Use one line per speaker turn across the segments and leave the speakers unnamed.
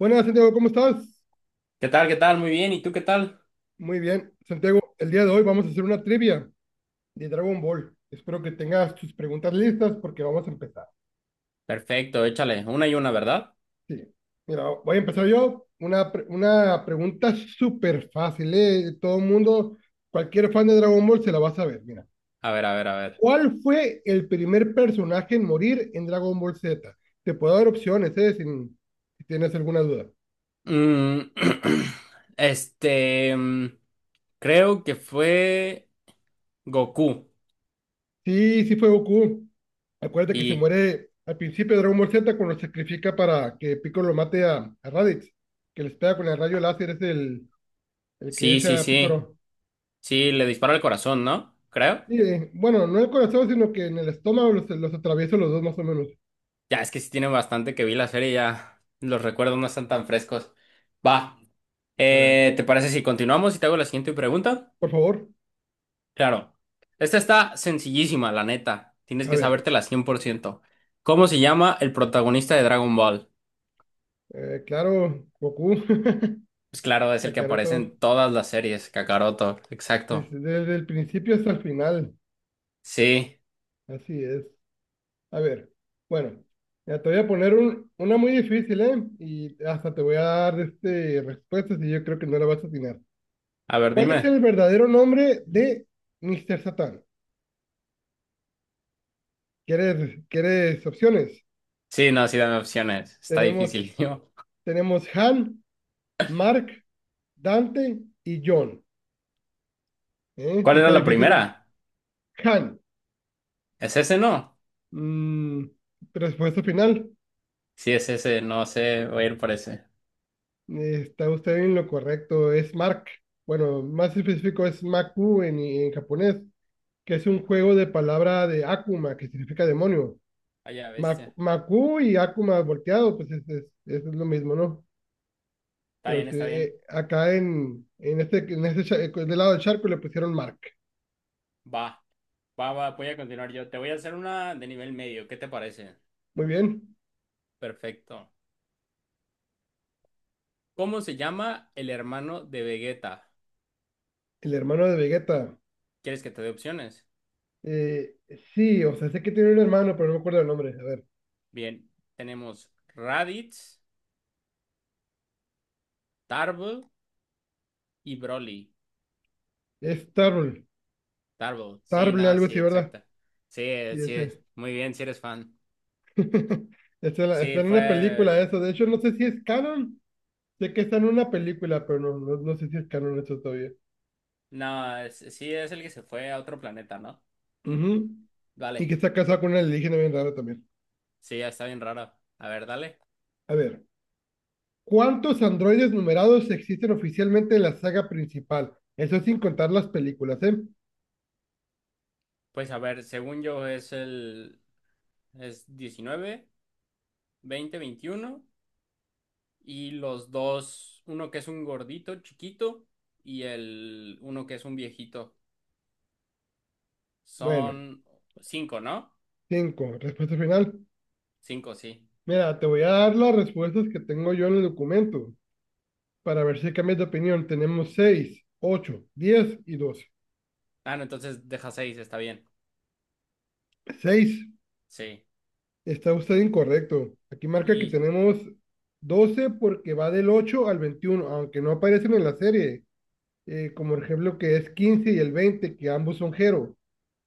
Buenas, Santiago, ¿cómo estás?
¿Qué tal? ¿Qué tal? Muy bien. ¿Y tú qué tal?
Muy bien, Santiago, el día de hoy vamos a hacer una trivia de Dragon Ball. Espero que tengas tus preguntas listas porque vamos a empezar.
Perfecto, échale. Una y una, ¿verdad?
Sí, mira, voy a empezar yo. Una, una pregunta súper fácil, ¿eh? Todo el mundo, cualquier fan de Dragon Ball se la va a saber. Mira,
A ver, a ver, a ver.
¿cuál fue el primer personaje en morir en Dragon Ball Z? Te puedo dar opciones, ¿eh? Si tienes alguna duda.
Mm, este, creo que fue Goku.
Sí, sí fue Goku. Acuérdate que se
Y
muere al principio de Dragon Ball Z cuando se sacrifica para que Piccolo mate a Raditz, que les pega con el rayo láser, es el que
sí, sí,
echa a
sí.
Piccolo.
Sí, le dispara al corazón, ¿no? Creo.
Y, bueno, no en el corazón, sino que en el estómago los atravieso los dos más o menos.
Ya, es que sí tiene bastante que vi la serie, ya los recuerdos no están tan frescos. Va.
A ver,
¿Te parece si continuamos y te hago la siguiente pregunta?
por favor,
Claro. Esta está sencillísima, la neta. Tienes
a
que
ver.
sabértela 100%. ¿Cómo se llama el protagonista de Dragon Ball?
Claro, Goku.
Pues claro, es el que aparece en
Kakaroto,
todas las series, Kakaroto. Exacto.
desde el principio hasta el final,
Sí.
así es. A ver, bueno, ya te voy a poner una muy difícil, ¿eh? Y hasta te voy a dar este, respuestas y yo creo que no la vas a atinar.
A ver,
¿Cuál es
dime.
el verdadero nombre de Mr. Satan? ¿¿Quieres opciones?
Sí, no, sí, dame opciones. Está
Tenemos,
difícil, tío.
tenemos Han, Mark, Dante y John. ¿Eh? Sí
¿Cuál era
está
la
difícil, ¿verdad?
primera?
Han.
¿Es ese, no?
Mm, respuesta final.
Sí, es ese. No sé, voy a ir por ese.
Está usted en lo correcto, es Mark. Bueno, más específico es Maku en japonés, que es un juego de palabra de Akuma, que significa demonio.
Vaya bestia.
Maku y Akuma volteado, pues es lo mismo, ¿no?
Está
Pero
bien,
sí,
está bien.
acá en este del lado del charco le pusieron Mark.
Va. Va, va, voy a continuar yo. Te voy a hacer una de nivel medio. ¿Qué te parece?
Muy bien.
Perfecto. ¿Cómo se llama el hermano de Vegeta?
El hermano de Vegeta.
¿Quieres que te dé opciones?
Eh, sí, o sea, sé que tiene un hermano, pero no me acuerdo el nombre. A ver,
Bien, tenemos Raditz, Tarble y Broly.
es Tarble.
Tarble, sí,
Tarble,
no,
algo
sí,
así, ¿verdad?
exacta. Sí,
Sí,
sí,
ese.
muy bien, si eres fan. Sí,
Está en una película
fue.
eso. De hecho, no sé si es canon. Sé que está en una película, pero no sé si es canon eso todavía.
No, sí, es el que se fue a otro planeta, ¿no?
Ujú. Y
Vale,
que está casado con una alienígena bien rara también.
sí, ya está bien raro. A ver, dale.
A ver, ¿cuántos androides numerados existen oficialmente en la saga principal? Eso sin contar las películas, ¿eh?
Pues a ver, según yo es 19, 20, 21. Y los dos, uno que es un gordito chiquito y el uno que es un viejito.
Bueno,
Son cinco, ¿no?
cinco. Respuesta final.
Cinco, sí.
Mira, te voy a dar las respuestas que tengo yo en el documento para ver si cambias de opinión. Tenemos seis, ocho, diez y 12.
Ah, no, entonces deja seis, está bien.
Seis.
Sí.
Está usted incorrecto. Aquí marca que
Y,
tenemos 12 porque va del 8 al 21, aunque no aparecen en la serie. Como el ejemplo que es 15 y el 20 que ambos son Hero.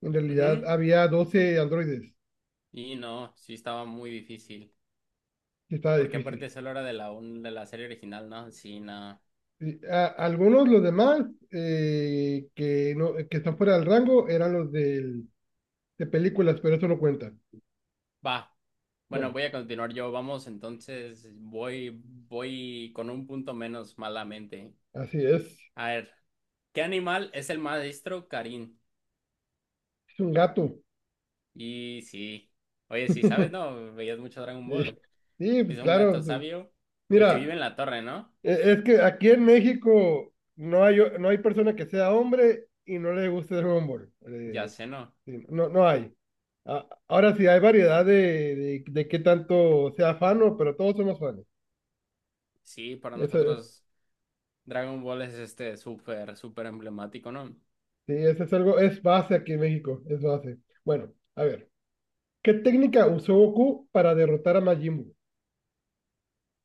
En realidad
ujú.
había 12 androides,
Y no, sí estaba muy difícil.
que estaba
Porque aparte
difícil.
es a la hora de la serie original, ¿no? Sí, no.
Algunos, los demás, no, que están fuera del rango, eran de películas, pero eso no cuenta.
Va. Bueno,
Bueno,
voy a continuar yo. Vamos, entonces voy, voy con un punto menos malamente.
así es.
A ver, ¿qué animal es el maestro Karim?
Es un gato.
Y sí. Oye, sí, ¿sabes? No, veías mucho Dragon Ball.
Sí, pues
Es un
claro.
gato
Pues,
sabio, el que vive
mira,
en la torre, ¿no?
Es que aquí en México no hay, no hay persona que sea hombre y no le guste Dragon Ball.
Ya sé, ¿no?
Sí, no, no hay. Ahora sí, hay variedad de qué tanto sea fan, pero todos somos fans.
Sí, para
Eso,
nosotros Dragon Ball es este súper, súper emblemático, ¿no?
sí, eso es algo, es base aquí en México, es base. Bueno, a ver, ¿qué técnica usó Goku para derrotar a Majin Buu?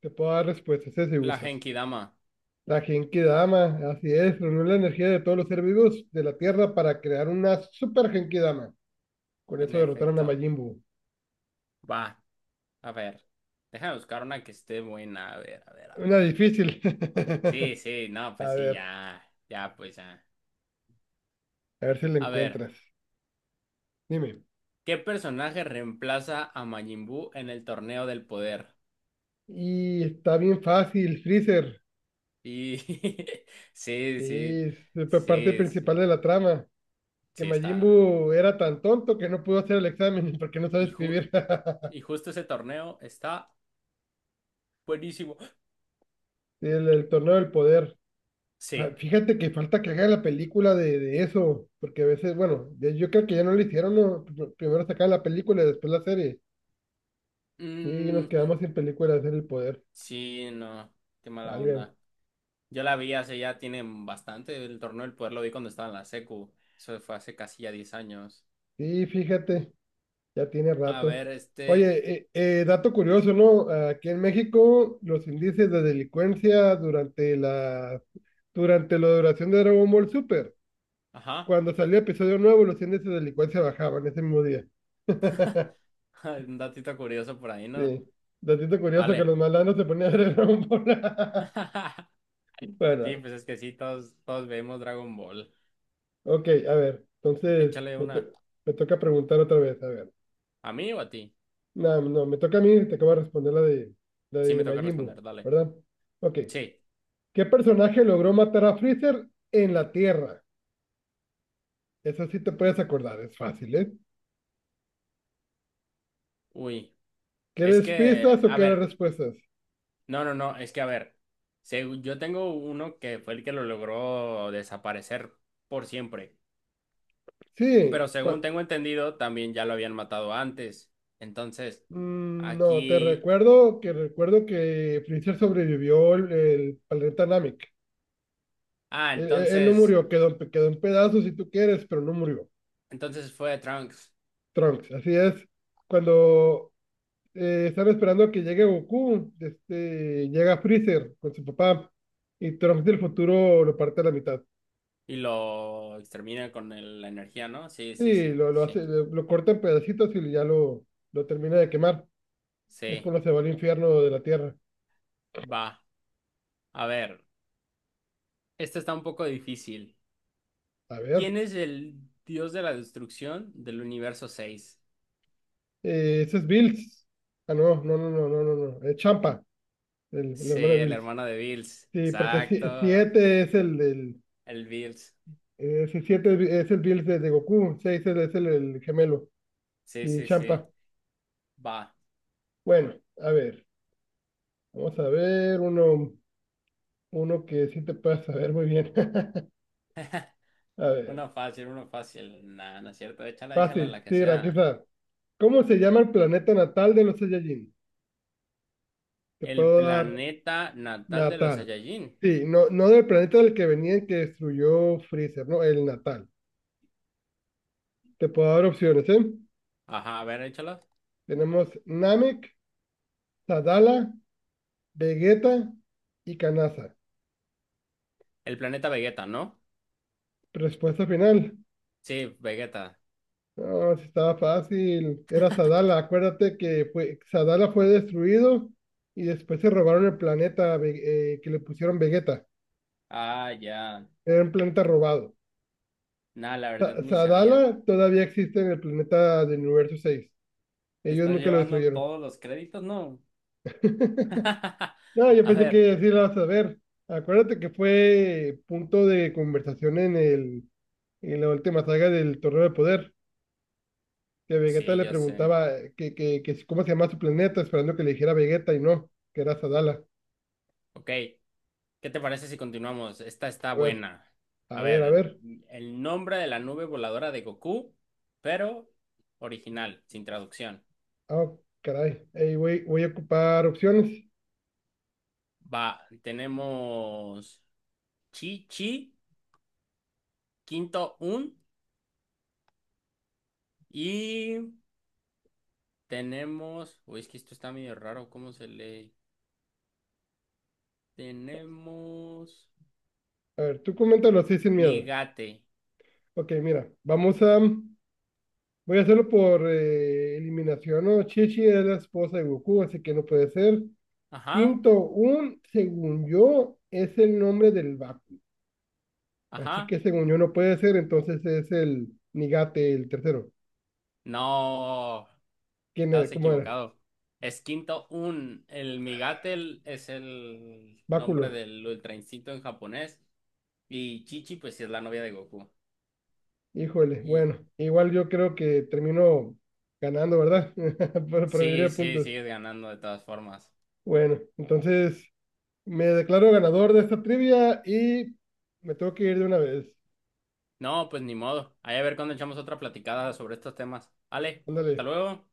Te puedo dar respuestas, si
La
usas
Genkidama,
la Genki Dama, así es, reunió la energía de todos los seres vivos de la Tierra para crear una super Genki Dama. Con
en
eso derrotaron a
efecto.
Majin Buu.
Va, a ver. Déjame buscar una que esté buena. A ver, a ver, a
Una
ver.
difícil.
Sí, sí, no, pues
A
sí,
ver,
ya. Ya, pues ya.
a ver si la
A ver,
encuentras. Dime.
¿qué personaje reemplaza a Majin Buu en el torneo del poder?
Y está bien fácil, Freezer.
Y sí,
Sí,
sí,
es la parte
sí,
principal
sí,
de la trama. Que
sí,
Majin
está.
Buu era tan tonto que no pudo hacer el examen porque no sabe
Y,
escribir.
y justo ese torneo está buenísimo.
El torneo del poder.
Sí.
Fíjate que falta que hagan la película de eso, porque a veces, bueno, yo creo que ya no lo hicieron, ¿no? Primero sacaban la película y después la serie. Y nos
Mm,
quedamos sin película de hacer el poder.
sí, no, qué mala
Válgame.
onda. Yo la vi hace ya, tiene bastante el torneo del poder, lo vi cuando estaba en la secu. Eso fue hace casi ya 10 años.
Sí, fíjate. Ya tiene
A
rato.
ver,
Oye, dato curioso, ¿no? Aquí en México, los índices de delincuencia durante durante la duración de Dragon Ball Super,
ajá,
cuando salió episodio nuevo, los índices de delincuencia bajaban ese mismo día.
un datito curioso por ahí, ¿no?
Sí. Datito curioso que
Vale.
los malandros se ponían a ver Dragon Ball.
Sí,
Bueno,
pues es que sí, todos, todos vemos Dragon Ball.
ok, a ver. Entonces,
Échale una.
me toca preguntar otra vez. A ver.
¿A mí o a ti?
No, no, me toca a mí, te acabo de responder la
Sí, me
de
toca
Majin
responder,
Buu,
dale.
¿verdad? Ok.
Sí.
¿Qué personaje logró matar a Freezer en la Tierra? Eso sí te puedes acordar, es fácil, ¿eh?
Uy, es
¿Quieres
que,
pistas o
a
quieres
ver,
respuestas?
no, no, no, es que, a ver, yo tengo uno que fue el que lo logró desaparecer por siempre,
Sí,
pero según tengo entendido, también ya lo habían matado antes. Entonces,
no, te
aquí,
recuerdo que Freezer sobrevivió el planeta Namek.
ah,
Él, él no
entonces,
murió, quedó, quedó en pedazos si tú quieres, pero no murió.
entonces fue Trunks
Trunks, así es. Cuando están esperando a que llegue Goku, este, llega Freezer con su papá y Trunks del futuro lo parte a la mitad.
y lo extermina con la energía, ¿no? Sí, sí,
Sí,
sí,
lo
sí,
hace, lo corta en pedacitos y ya lo termina de quemar. Es
sí,
cuando se va al infierno de la tierra.
va. A ver, este está un poco difícil.
A ver,
¿Quién es el dios de la destrucción del universo 6?
ese es Bills. Ah, no. Es Champa, el
Sí,
hermano de
el
Bills.
hermano de Bills.
Sí, porque
Exacto.
7 es el del.
El Bills.
Eh, si 7 es el Bills de Goku, 6 es el gemelo.
Sí,
Y
sí,
Champa.
sí. Va.
Bueno, a ver, vamos a ver uno que sí te puedas saber muy bien. A ver,
Una fácil, una fácil. Nah, no es cierto. Échala, échala
fácil,
la que
sí, aquí
sea.
está. ¿Cómo se llama el planeta natal de los Saiyajin? Te
El
puedo dar
planeta natal de los
natal.
Saiyajin.
Sí, no, no del planeta del que venían que destruyó Freezer, no, el natal. Te puedo dar opciones, ¿eh?
Ajá, a ver, échala.
Tenemos Namek, Sadala, Vegeta y Kanasa.
El planeta Vegeta, ¿no?
Respuesta final.
Sí, Vegeta.
No, si estaba fácil. Era Sadala. Acuérdate que fue, Sadala fue destruido y después se robaron el planeta que le pusieron Vegeta.
Ah, ya.
Era un planeta robado.
Nah, la verdad ni sabía.
Sadala todavía existe en el planeta del universo seis.
¿Te
Ellos
estás
nunca lo
llevando
destruyeron.
todos los créditos? No.
No, yo
A
pensé
ver.
que sí lo vas a ver. Acuérdate que fue punto de conversación en en la última saga del Torneo de Poder, que Vegeta
Sí,
le
ya sé.
preguntaba que cómo se llama su planeta, esperando que le dijera Vegeta y no, que era Sadala.
Ok. ¿Qué te parece si continuamos? Esta está
A ver,
buena.
a
A
ver, a
ver,
ver.
el nombre de la nube voladora de Goku, pero original, sin traducción.
Ah, caray. Ey, voy a ocupar opciones.
Va, tenemos Chi Chi, Quinto Un y tenemos. Uy, es que esto está medio raro, ¿cómo se lee? Tenemos
A ver, tú coméntalo así sin miedo.
Migate.
Ok, mira, vamos a... Voy a hacerlo por eliminación, ¿no? Chichi es la esposa de Goku, así que no puede ser.
Ajá,
Quinto, un, según yo, es el nombre del Baku. Así que
ajá.
según yo no puede ser, entonces es el Nigate, el tercero.
No.
¿Quién era?
Estás
¿Cómo era?
equivocado. Es Quinto Un. El Migatel es el
Báculo.
nombre del Ultra Instinto en japonés. Y Chichi, pues sí es la novia de Goku.
Híjole,
Y
bueno, igual yo creo que termino ganando, ¿verdad? Por promedio
sí,
de
sí,
puntos.
sigues ganando de todas formas.
Bueno, entonces me declaro ganador de esta trivia y me tengo que ir de una vez.
No, pues ni modo. Ahí a ver cuando echamos otra platicada sobre estos temas. Ale, hasta
Ándale.
luego.